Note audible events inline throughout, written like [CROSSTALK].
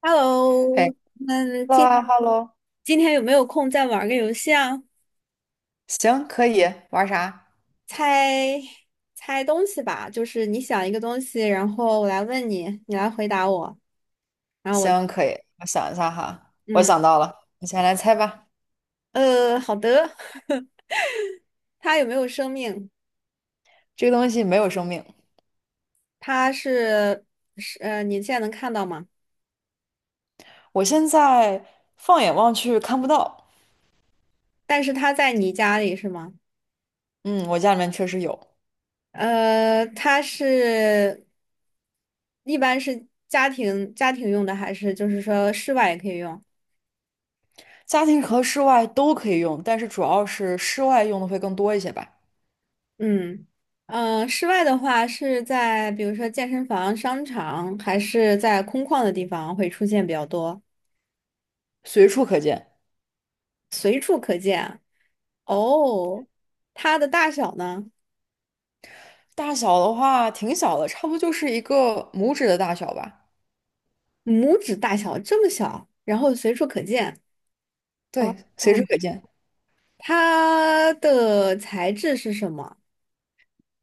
Hello,嘿那今，hello hello 今天有没有空再玩个游戏啊？行，可以玩啥？猜猜东西吧，就是你想一个东西，然后我来问你，你来回答我，然后我，行，可以。我想一下哈，我嗯，想到了，你先来猜吧。好的。[LAUGHS] 它有没有生命？这个东西没有生命，它是你现在能看到吗？我现在放眼望去看不到。但是它在你家里是吗？嗯，我家里面确实有，呃，它是一般是家庭用的，还是就是说室外也可以用？家庭和室外都可以用，但是主要是室外用的会更多一些吧，嗯，室外的话是在比如说健身房、商场，还是在空旷的地方会出现比较多。随处可见。哦，它的大小呢？大小的话挺小的，差不多就是一个拇指的大小吧。拇指大小，这么小，然后随处可见。哦，对，随处嗯，可见。它的材质是什么？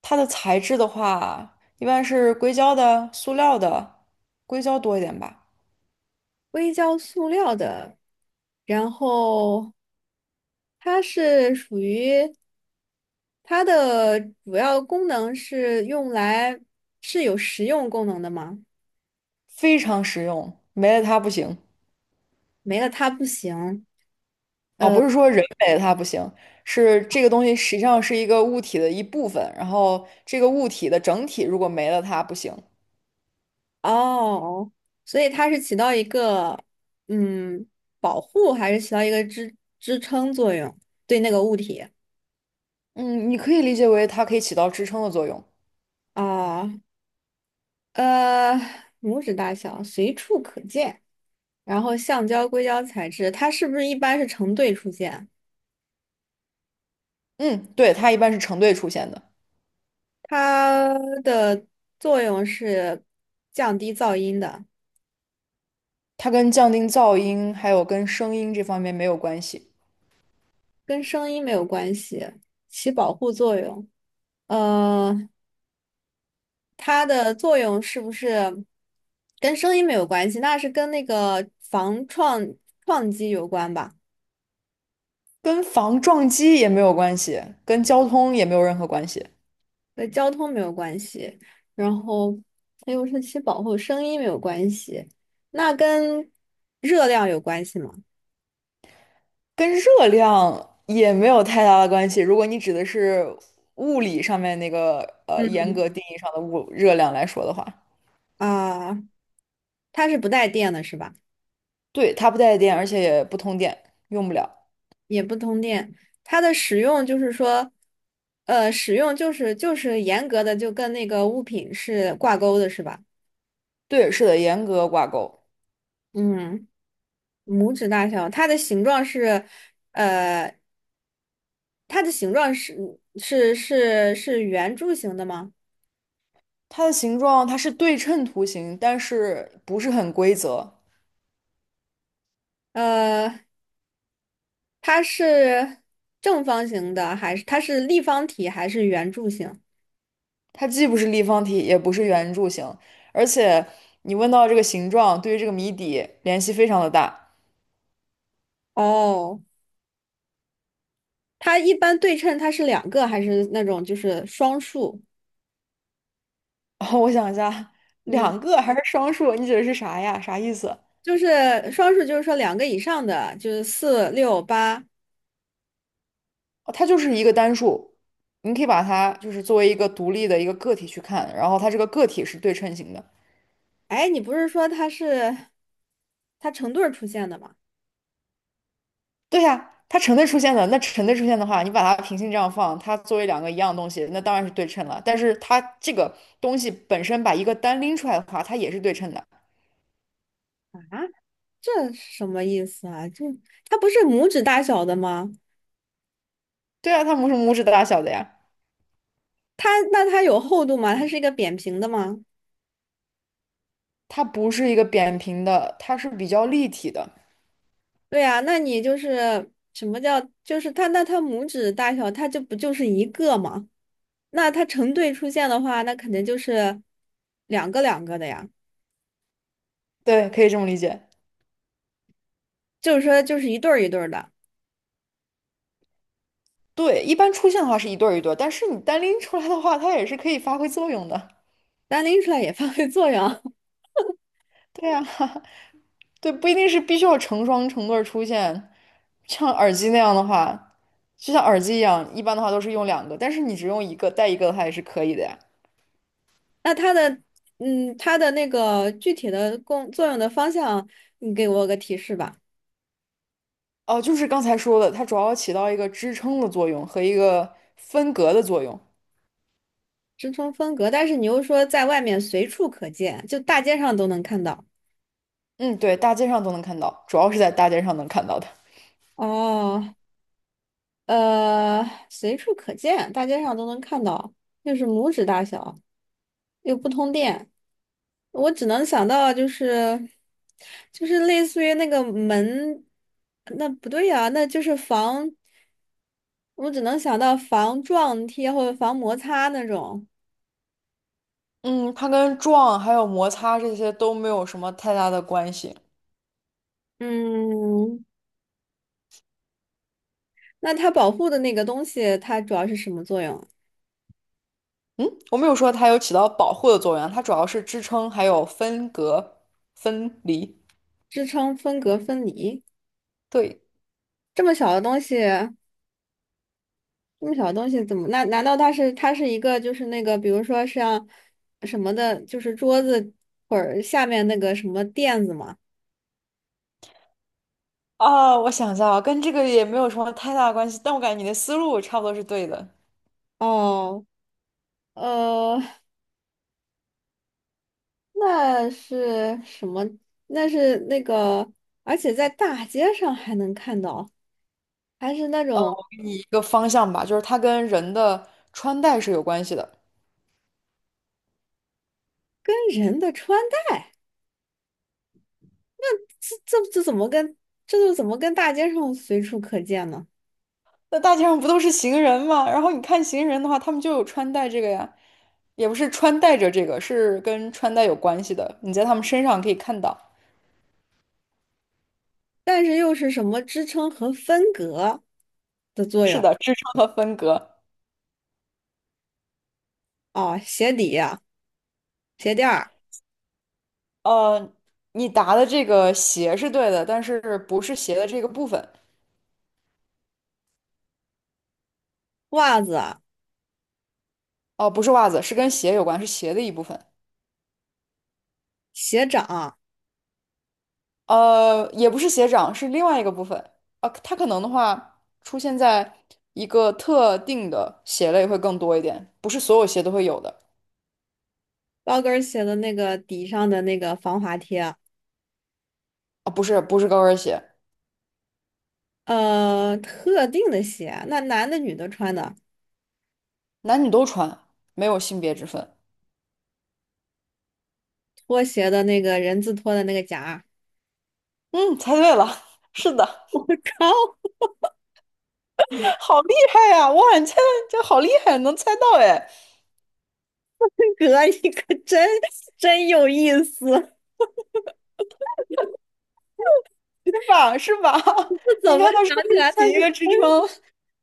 它的材质的话，一般是硅胶的、塑料的，硅胶多一点吧。硅胶塑料的，然后它是属于它的主要功能是用来是有实用功能的吗？非常实用，没了它不行没了它不行。啊！呃，不是说人没了它不行，是这个东西实际上是一个物体的一部分，然后这个物体的整体如果没了它不行。哦，所以它是起到一个嗯保护，还是起到一个支撑作用？对那个物体嗯，你可以理解为它可以起到支撑的作用。啊？呃，拇指大小，随处可见。然后橡胶、硅胶材质，它是不是一般是成对出现？嗯，对，它一般是成对出现的，它的作用是降低噪音的，它跟降低噪音还有跟声音这方面没有关系，跟声音没有关系，起保护作用。呃，它的作用是不是跟声音没有关系？那是跟那个防撞击有关吧？跟防撞击也没有关系，跟交通也没有任何关系。跟交通没有关系，然后还有是其保护声音没有关系，那跟热量有关系吗？跟热量也没有太大的关系。如果你指的是物理上面那个嗯，严格定义上的物热量来说的话，啊，它是不带电的，是吧？对，它不带电，而且也不通电，用不了。也不通电，它的使用就是说，使用就是严格的就跟那个物品是挂钩的，是吧？对，是的，严格挂钩。嗯。拇指大小，它的形状是，呃，它的形状是是圆柱形的吗？它的形状它是对称图形，但是不是很规则。呃，它是正方形的，还是它是立方体，还是圆柱形？它既不是立方体，也不是圆柱形，而且你问到这个形状，对于这个谜底联系非常的大。哦，它一般对称，它是两个，还是那种就是双数？[LAUGHS] 我想一下，两嗯，个还是双数？你指的是啥呀？啥意思？就是双数，就是说两个以上的，就是四六八。哦，它就是一个单数，你可以把它就是作为一个独立的一个个体去看，然后它这个个体是对称型的。哎，你不是说它成对儿出现的吗？对呀，它成对出现的，那成对出现的话，你把它平行这样放，它作为两个一样的东西，那当然是对称了。但是它这个东西本身把一个单拎出来的话，它也是对称的。啊？这是什么意思啊？这它不是拇指大小的吗？对啊，它拇指大小的呀，它那它有厚度吗？它是一个扁平的吗？它不是一个扁平的，它是比较立体的。对呀，那你就是什么叫就是它那它拇指大小，它就不就是一个吗？那它成对出现的话，那肯定就是两个两个的呀，对，可以这么理解。就是说就是一对儿一对儿的，对，一般出现的话是一对儿一对儿，但是你单拎出来的话，它也是可以发挥作用的。单拎出来也发挥作用。对啊。[LAUGHS] 对，不一定是必须要成双成对儿出现。像耳机那样的话，就像耳机一样，一般的话都是用两个，但是你只用一个，带一个的话也是可以的呀。[LAUGHS] 那它的它的那个具体的功作用的方向，你给我个提示吧。哦，就是刚才说的，它主要起到一个支撑的作用和一个分隔的作用。支撑风格，但是你又说在外面随处可见，就大街上都能看到。嗯，对，大街上都能看到，主要是在大街上能看到的。哦，呃，随处可见，大街上都能看到，又是拇指大小，又不通电，我只能想到就是，就是类似于那个门，那不对呀、那就是防，我只能想到防撞贴或者防摩擦那种。嗯，它跟撞还有摩擦这些都没有什么太大的关系。嗯，那它保护的那个东西，它主要是什么作用？我没有说它有起到保护的作用啊它主要是支撑还有分隔、分离。支撑分隔分离。对。这么小的东西，这么小的东西怎么？那难道它是它是一个就是那个，比如说像什么的，就是桌子或者下面那个什么垫子吗？哦，我想一下啊，跟这个也没有什么太大的关系，但我感觉你的思路差不多是对的，哦，呃，那是什么？那是那个，而且在大街上还能看到，还是那种给你一个方向吧，就是它跟人的穿戴是有关系的。跟人的穿戴，这怎么跟这就怎么跟大街上随处可见呢？那大街上不都是行人吗？然后你看行人的话，他们就有穿戴这个呀，也不是穿戴着这个，是跟穿戴有关系的。你在他们身上可以看到，但是又是什么支撑和分隔的作是用？的，支撑和分隔。哦，鞋底、鞋垫儿、呃，你答的这个鞋是对的，但是不是鞋的这个部分，袜子、哦、不是袜子，是跟鞋有关，是鞋的一部分。鞋掌、也不是鞋掌，是另外一个部分。啊。它可能的话出现在一个特定的鞋类会更多一点，不是所有鞋都会有的。高跟儿鞋的那个底上的那个防滑贴，啊，不是，不是高跟鞋，特定的鞋，那男的女的穿的，男女都穿，没有性别之分。拖鞋的那个人字拖的那个夹儿 嗯，猜对了，[LAUGHS] 是的，[LAUGHS] 我靠，好厉害呀！哇，你猜的这好厉害，能猜到哎，哥，你可真真有意思！[LAUGHS] 我是吧？是吧？[LAUGHS] 你怎么看它是想不起是来他起一个是支撑？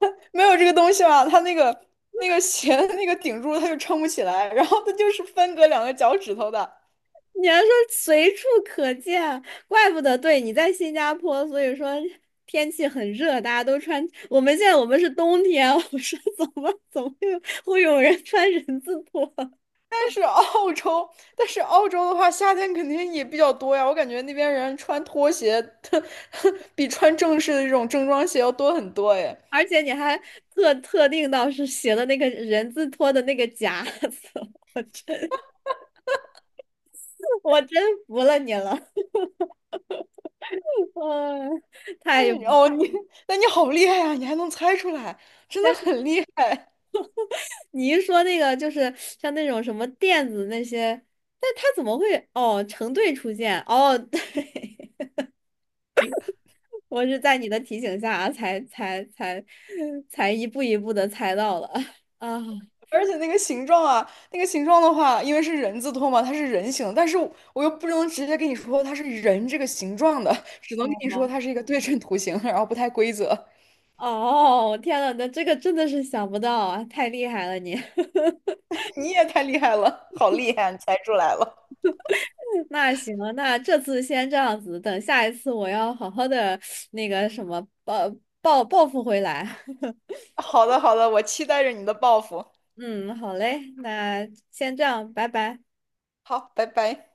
[LAUGHS] 没有这个东西嘛，它那个鞋的那个顶住，它就撑不起来，然后它就是分隔两个脚趾头的。你还说随处可见，怪不得对你在新加坡，所以说天气很热，大家都穿。我们现在我们是冬天，[LAUGHS] 我说怎么会有会有人穿人字拖？但是澳洲，但是澳洲的话，夏天肯定也比较多呀。我感觉那边人穿拖鞋，[LAUGHS] 比穿正式的这种正装鞋要多很多哎。而且你还特定到是写的那个人字拖的那个夹子，[LAUGHS] 我真我真服了你了，[LAUGHS] 嗯，太有。嗯哦，那你好厉害呀！你还能猜出来，真但的是很厉害。你一说那个就是像那种什么垫子那些，但他怎么会哦成对出现哦？[LAUGHS] 对。我是在你的提醒下才 [LAUGHS] 才一步一步的猜到了 [LAUGHS] 啊！而且那个形状啊，那个形状的话，因为是人字拖嘛，它是人形，但是我又不能直接跟你说它是人这个形状的，只能跟好你说吗？它是一个对称图形，然后不太规则。哦，天呐，那这个真的是想不到啊，太厉害了你！[LAUGHS] [LAUGHS] 你也太厉害了，好厉害啊，你猜出来了。那行了，那这次先这样子，等下一次我要好好的那个什么报报复回来。[LAUGHS] 好的，好的，我期待着你的报复。嗯，好嘞，那先这样，拜拜。好，拜拜。